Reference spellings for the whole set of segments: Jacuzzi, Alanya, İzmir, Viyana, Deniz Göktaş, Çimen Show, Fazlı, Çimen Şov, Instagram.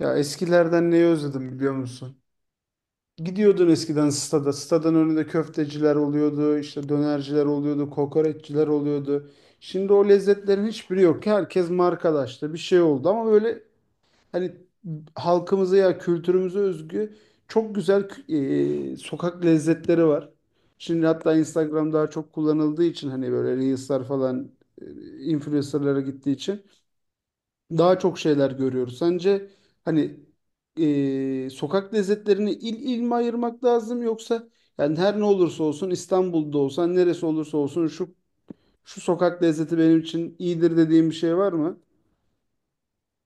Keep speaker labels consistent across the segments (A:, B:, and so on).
A: Ya eskilerden neyi özledim biliyor musun? Gidiyordun eskiden stada. Stadan önünde köfteciler oluyordu, işte dönerciler oluyordu, kokoreççiler oluyordu. Şimdi o lezzetlerin hiçbiri yok. Herkes markalaştı. Bir şey oldu ama böyle hani halkımıza ya kültürümüze özgü çok güzel sokak lezzetleri var. Şimdi hatta Instagram daha çok kullanıldığı için hani böyle Reels'lar falan e, influencer'lara gittiği için daha çok şeyler görüyoruz. Sence hani sokak lezzetlerini il il mi ayırmak lazım yoksa yani her ne olursa olsun İstanbul'da olsan neresi olursa olsun şu sokak lezzeti benim için iyidir dediğim bir şey var mı?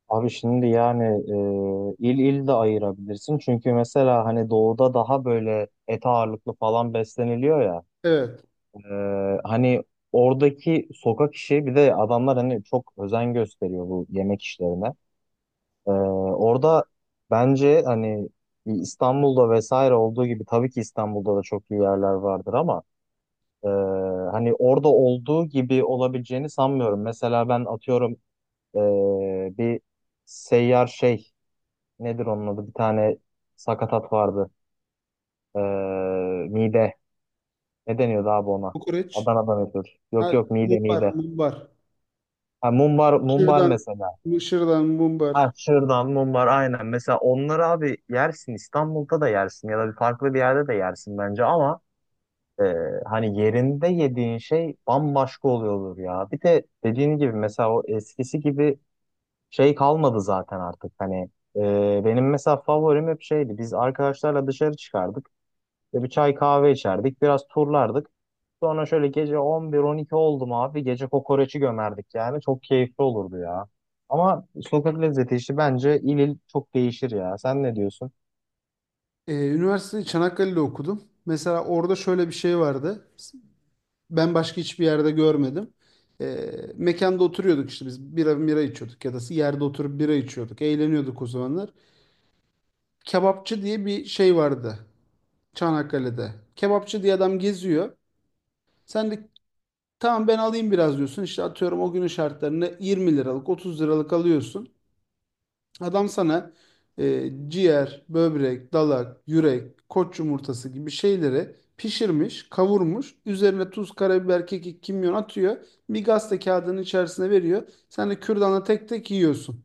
B: Abi şimdi yani il il de ayırabilirsin. Çünkü mesela hani doğuda daha böyle et ağırlıklı falan besleniliyor ya.
A: Evet.
B: E, hani oradaki sokak işi bir de adamlar hani çok özen gösteriyor bu yemek işlerine. E, orada bence hani İstanbul'da vesaire olduğu gibi tabii ki İstanbul'da da çok iyi yerler vardır ama e, hani orada olduğu gibi olabileceğini sanmıyorum. Mesela ben atıyorum bir seyyar şey nedir onun adı? Bir tane sakatat vardı. Ee, mide. Ne deniyordu abi ona?
A: Kokoreç.
B: Adana'dan ötürü.
A: Ha,
B: Yok yok mide
A: mumbar,
B: mide.
A: mumbar.
B: Ha, mumbar, mumbar
A: Şırdan,
B: mesela.
A: şırdan, mumbar.
B: Ha şırdan, mumbar aynen. Mesela onları abi yersin. İstanbul'da da yersin ya da bir farklı bir yerde de yersin bence ama e, hani yerinde yediğin şey bambaşka oluyordur ya. Bir de dediğin gibi mesela o eskisi gibi şey kalmadı zaten artık. Hani benim mesela favorim hep şeydi. Biz arkadaşlarla dışarı çıkardık. İşte bir çay kahve içerdik. Biraz turlardık. Sonra şöyle gece 11-12 oldu mu abi? Gece kokoreçi gömerdik yani. Çok keyifli olurdu ya. Ama sokak lezzeti işi bence il il çok değişir ya. Sen ne diyorsun?
A: E, üniversiteyi Çanakkale'de okudum. Mesela orada şöyle bir şey vardı. Ben başka hiçbir yerde görmedim. Mekanda oturuyorduk işte biz bira içiyorduk ya da yerde oturup bira içiyorduk. Eğleniyorduk o zamanlar. Kebapçı diye bir şey vardı Çanakkale'de. Kebapçı diye adam geziyor. Sen de tamam ben alayım biraz diyorsun. İşte atıyorum o günün şartlarını 20 liralık 30 liralık alıyorsun. Adam sana ciğer, böbrek, dalak, yürek, koç yumurtası gibi şeyleri pişirmiş, kavurmuş. Üzerine tuz, karabiber, kekik, kimyon atıyor. Bir gazete kağıdının içerisine veriyor. Sen de kürdanla tek tek yiyorsun.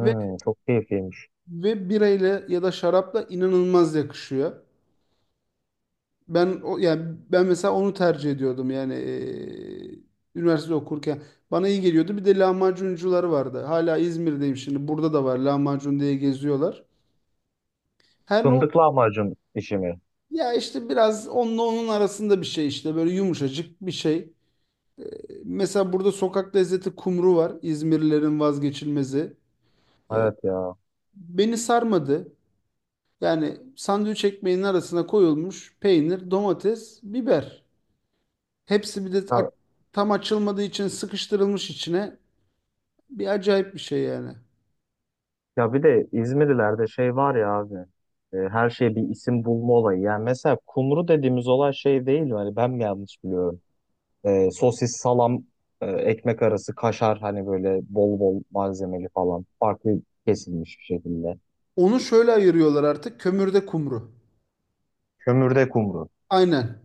A: Ve
B: çok keyifliymiş.
A: ve birayla ya da şarapla inanılmaz yakışıyor. Ben o yani ben mesela onu tercih ediyordum yani üniversite okurken. Bana iyi geliyordu. Bir de lahmacuncular vardı. Hala İzmir'deyim şimdi. Burada da var lahmacun diye geziyorlar. Her ne.
B: Fındık lahmacun işi mi?
A: Ya işte biraz onunla onun arasında bir şey işte böyle yumuşacık bir şey. E, Mesela burada sokak lezzeti kumru var. İzmirlilerin vazgeçilmezi. E,
B: Evet ya.
A: Beni sarmadı. Yani sandviç ekmeğinin arasına koyulmuş peynir, domates, biber. Hepsi bir de
B: Ya,
A: tam açılmadığı için sıkıştırılmış içine. Bir acayip bir şey yani.
B: ya bir de İzmirlilerde şey var ya abi. Her şeye bir isim bulma olayı. Yani mesela kumru dediğimiz olay şey değil mi? Hani ben mi yanlış biliyorum? E, sosis, salam, ekmek arası, kaşar hani böyle bol bol malzemeli falan. Farklı kesilmiş bir şekilde.
A: Onu şöyle ayırıyorlar artık kömürde kumru.
B: Kömürde kumru.
A: Aynen.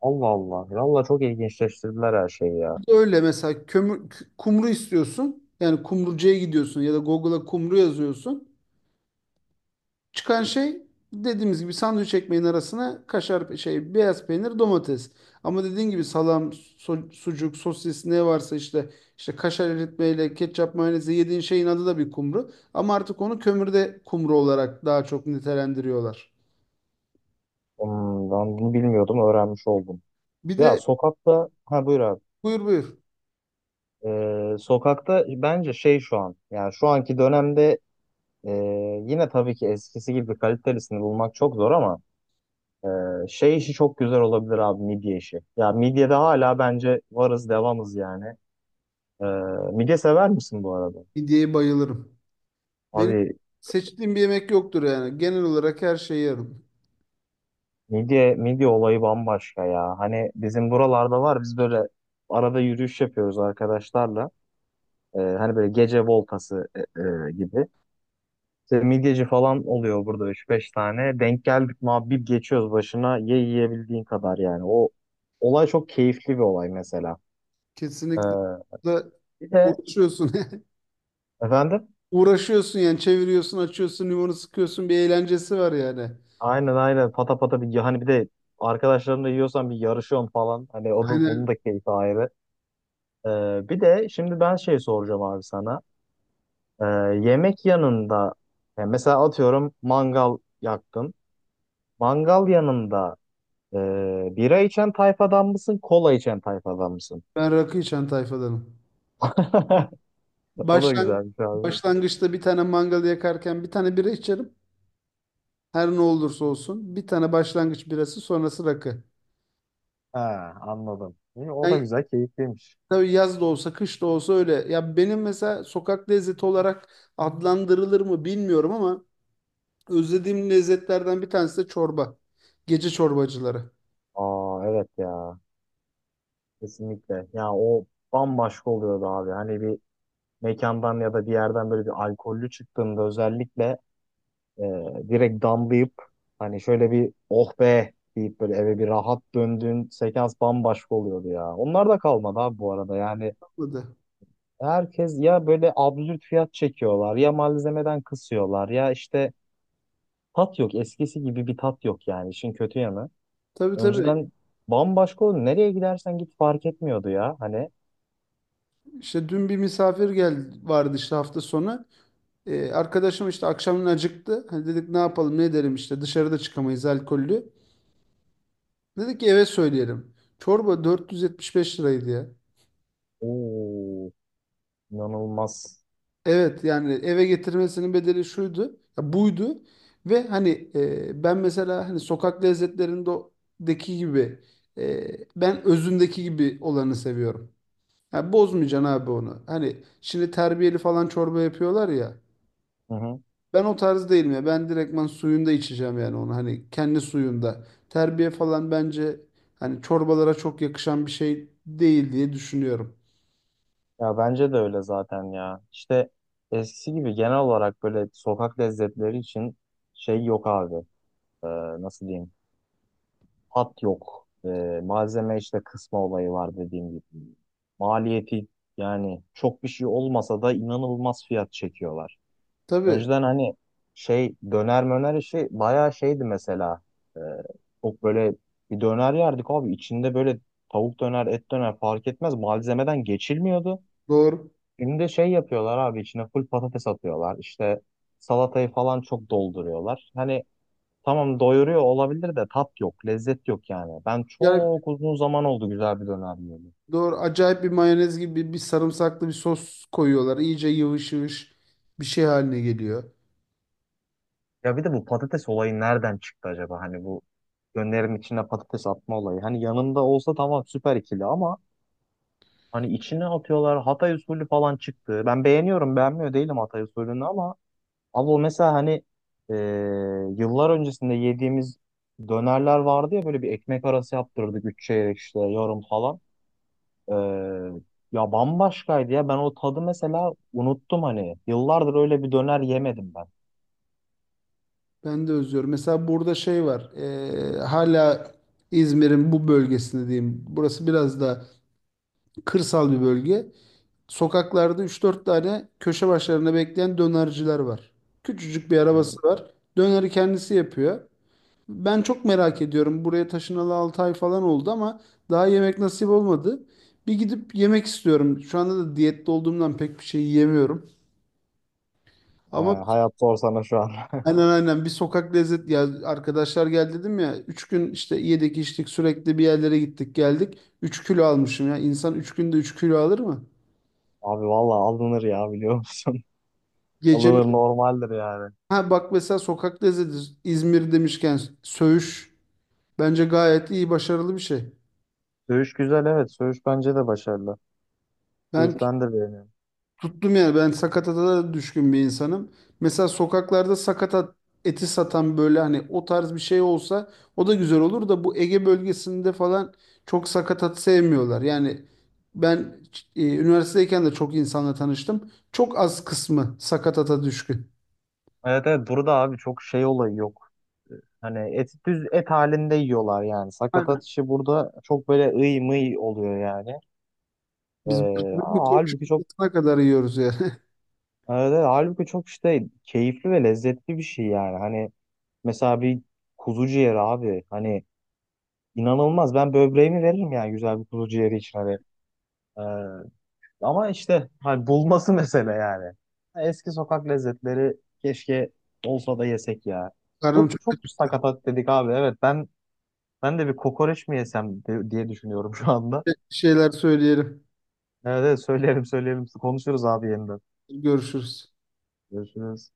B: Allah Allah. Valla çok ilginçleştirdiler her şeyi ya.
A: Öyle mesela kömür, kumru istiyorsun. Yani kumrucuya gidiyorsun ya da Google'a kumru yazıyorsun. Çıkan şey dediğimiz gibi sandviç ekmeğin arasına kaşar şey beyaz peynir domates. Ama dediğin gibi salam, sucuk, sosis ne varsa işte kaşar eritmeyle ketçap mayonezi yediğin şeyin adı da bir kumru. Ama artık onu kömürde kumru olarak daha çok nitelendiriyorlar.
B: Hmm, ben bunu bilmiyordum, öğrenmiş oldum.
A: Bir
B: Ya
A: de
B: sokakta, ha buyur abi.
A: buyur.
B: Sokakta bence şey şu an, yani şu anki dönemde e, yine tabii ki eskisi gibi kalitelisini bulmak çok zor ama şey işi çok güzel olabilir abi midye işi. Ya midyede hala bence varız devamız yani. Ee, Midye sever misin bu arada?
A: Midyeye bayılırım. Benim
B: Abi
A: seçtiğim bir yemek yoktur yani. Genel olarak her şeyi yerim.
B: midye olayı bambaşka ya. Hani bizim buralarda var. Biz böyle arada yürüyüş yapıyoruz arkadaşlarla. Hani böyle gece voltası gibi. İşte midyeci falan oluyor burada üç beş tane. Denk geldik mi abi bir geçiyoruz başına. Yiyebildiğin kadar yani. O olay çok keyifli bir olay mesela.
A: Kesinlikle.
B: Ee,
A: Da
B: bir de
A: uğraşıyorsun.
B: Efendim
A: Uğraşıyorsun yani çeviriyorsun, açıyorsun, limonu sıkıyorsun bir eğlencesi var yani.
B: aynen pata pata bir hani bir de arkadaşlarımla yiyorsan bir yarışıyorsun falan. Hani onun, onun
A: Aynen,
B: da keyfi ayrı. Bir de şimdi ben şey soracağım abi sana. Ee, Yemek yanında yani mesela atıyorum mangal yaktın. Mangal yanında e, bira içen tayfadan mısın, kola içen tayfadan mısın?
A: ben rakı içen tayfadanım.
B: O da
A: Başlan
B: güzelmiş abi.
A: başlangıçta bir tane mangal yakarken bir tane bira içerim. Her ne olursa olsun. Bir tane başlangıç birası sonrası rakı.
B: He, Anladım. İyi, o da
A: Yani
B: güzel, keyifliymiş.
A: tabii yaz da olsa kış da olsa öyle. Ya benim mesela sokak lezzeti olarak adlandırılır mı bilmiyorum ama özlediğim lezzetlerden bir tanesi de çorba. Gece çorbacıları.
B: Aa evet ya kesinlikle. Ya o bambaşka oluyordu abi. Hani bir mekandan ya da bir yerden böyle bir alkollü çıktığında özellikle E, direkt damlayıp hani şöyle bir oh be deyip böyle eve bir rahat döndüğün sekans bambaşka oluyordu ya. Onlar da kalmadı abi bu arada yani herkes ya böyle absürt fiyat çekiyorlar ya malzemeden kısıyorlar ya işte tat yok eskisi gibi bir tat yok yani işin kötü yanı.
A: Tabii, tabii.
B: Önceden bambaşka oldu nereye gidersen git fark etmiyordu ya hani
A: İşte dün bir misafir geldi vardı işte hafta sonu. Arkadaşım işte akşamın acıktı. Hani dedik ne yapalım ne edelim işte dışarıda çıkamayız alkollü. Dedik ki eve söyleyelim. Çorba 475 liraydı ya.
B: o inanılmaz.
A: Evet yani eve getirmesinin bedeli şuydu ya buydu. Ve hani ben mesela hani sokak lezzetlerindeki gibi e, ben özündeki gibi olanı seviyorum. Ya bozmayacaksın abi onu. Hani şimdi terbiyeli falan çorba yapıyorlar ya. Ben o tarz değilim ya. Ben direktman suyunda içeceğim yani onu. Hani kendi suyunda. Terbiye falan bence hani çorbalara çok yakışan bir şey değil diye düşünüyorum.
B: Ya bence de öyle zaten ya. İşte eskisi gibi genel olarak böyle sokak lezzetleri için şey yok abi. Ee, Nasıl diyeyim? Hat yok. Malzeme işte kısma olayı var dediğim gibi. Maliyeti yani çok bir şey olmasa da inanılmaz fiyat çekiyorlar.
A: Tabii,
B: Önceden hani şey döner möner işi bayağı şeydi mesela. Ee, Çok böyle bir döner yerdik abi. İçinde böyle tavuk döner, et döner fark etmez. Malzemeden geçilmiyordu.
A: doğru.
B: Şimdi şey yapıyorlar abi içine full patates atıyorlar. İşte salatayı falan çok dolduruyorlar. Hani tamam doyuruyor olabilir de tat yok, lezzet yok yani. Ben
A: Ya
B: çok uzun zaman oldu güzel bir döner yiyeli.
A: doğru, acayip bir mayonez gibi bir sarımsaklı bir sos koyuyorlar. İyice yıvış yıvış bir şey haline geliyor.
B: Ya bir de bu patates olayı nereden çıktı acaba? Hani bu dönerin içine patates atma olayı. Hani yanında olsa tamam süper ikili ama hani içine atıyorlar. Hatay usulü falan çıktı. Ben beğeniyorum, beğenmiyor değilim Hatay usulünü ama abi o mesela hani e, yıllar öncesinde yediğimiz dönerler vardı ya böyle bir ekmek arası yaptırdık üç çeyrek işte yarım falan. E, Ya bambaşkaydı ya ben o tadı mesela unuttum hani. Yıllardır öyle bir döner yemedim ben.
A: Ben de özlüyorum. Mesela burada şey var. Hala İzmir'in bu bölgesinde diyeyim. Burası biraz da kırsal bir bölge. Sokaklarda üç dört tane köşe başlarında bekleyen dönerciler var. Küçücük bir
B: Hı.
A: arabası var. Döneri kendisi yapıyor. Ben çok merak ediyorum. Buraya taşınalı 6 ay falan oldu ama daha yemek nasip olmadı. Bir gidip yemek istiyorum. Şu anda da diyette olduğumdan pek bir şey yiyemiyorum.
B: E,
A: Ama
B: Hayat zor şu an.
A: aynen bir sokak lezzet, ya arkadaşlar geldi dedim ya. 3 gün işte yedik içtik sürekli bir yerlere gittik geldik. 3 kilo almışım ya. İnsan 3 günde 3 kilo alır mı?
B: Abi valla alınır ya biliyor musun?
A: Gecenin.
B: Alınır normaldir yani.
A: Ha bak mesela sokak lezzeti İzmir demişken söğüş bence gayet iyi başarılı bir şey.
B: Söğüş güzel evet. Söğüş bence de başarılı.
A: Ben
B: Söğüş
A: tut-
B: ben de beğeniyorum.
A: tuttum yani, ben sakatata da düşkün bir insanım. Mesela sokaklarda sakatat eti satan böyle hani o tarz bir şey olsa o da güzel olur da bu Ege bölgesinde falan çok sakatat sevmiyorlar. Yani ben üniversiteyken de çok insanla tanıştım. Çok az kısmı sakatata düşkün.
B: Evet evet burada abi çok şey olayı yok. Hani et düz et halinde yiyorlar yani.
A: Aynen.
B: Sakatat işi burada çok böyle ıy mıy oluyor yani. Ee,
A: Biz bir
B: Ama
A: koç
B: halbuki çok
A: yumurtasına kadar yiyoruz yani.
B: evet, evet, halbuki çok işte keyifli ve lezzetli bir şey yani. Hani mesela bir kuzu ciğeri abi hani inanılmaz. Ben böbreğimi veririm yani güzel bir kuzu ciğeri için hani. Ee, Ama işte hani bulması mesele yani. Eski sokak lezzetleri keşke olsa da yesek ya.
A: Karnım
B: Çok
A: çok
B: çok sakatat dedik abi. Ben de bir kokoreç mi yesem de- diye düşünüyorum şu anda.
A: acıktı, bir şeyler söyleyelim.
B: Evet, evet söyleyelim söyleyelim. Konuşuruz abi yeniden.
A: Görüşürüz.
B: Görüşürüz.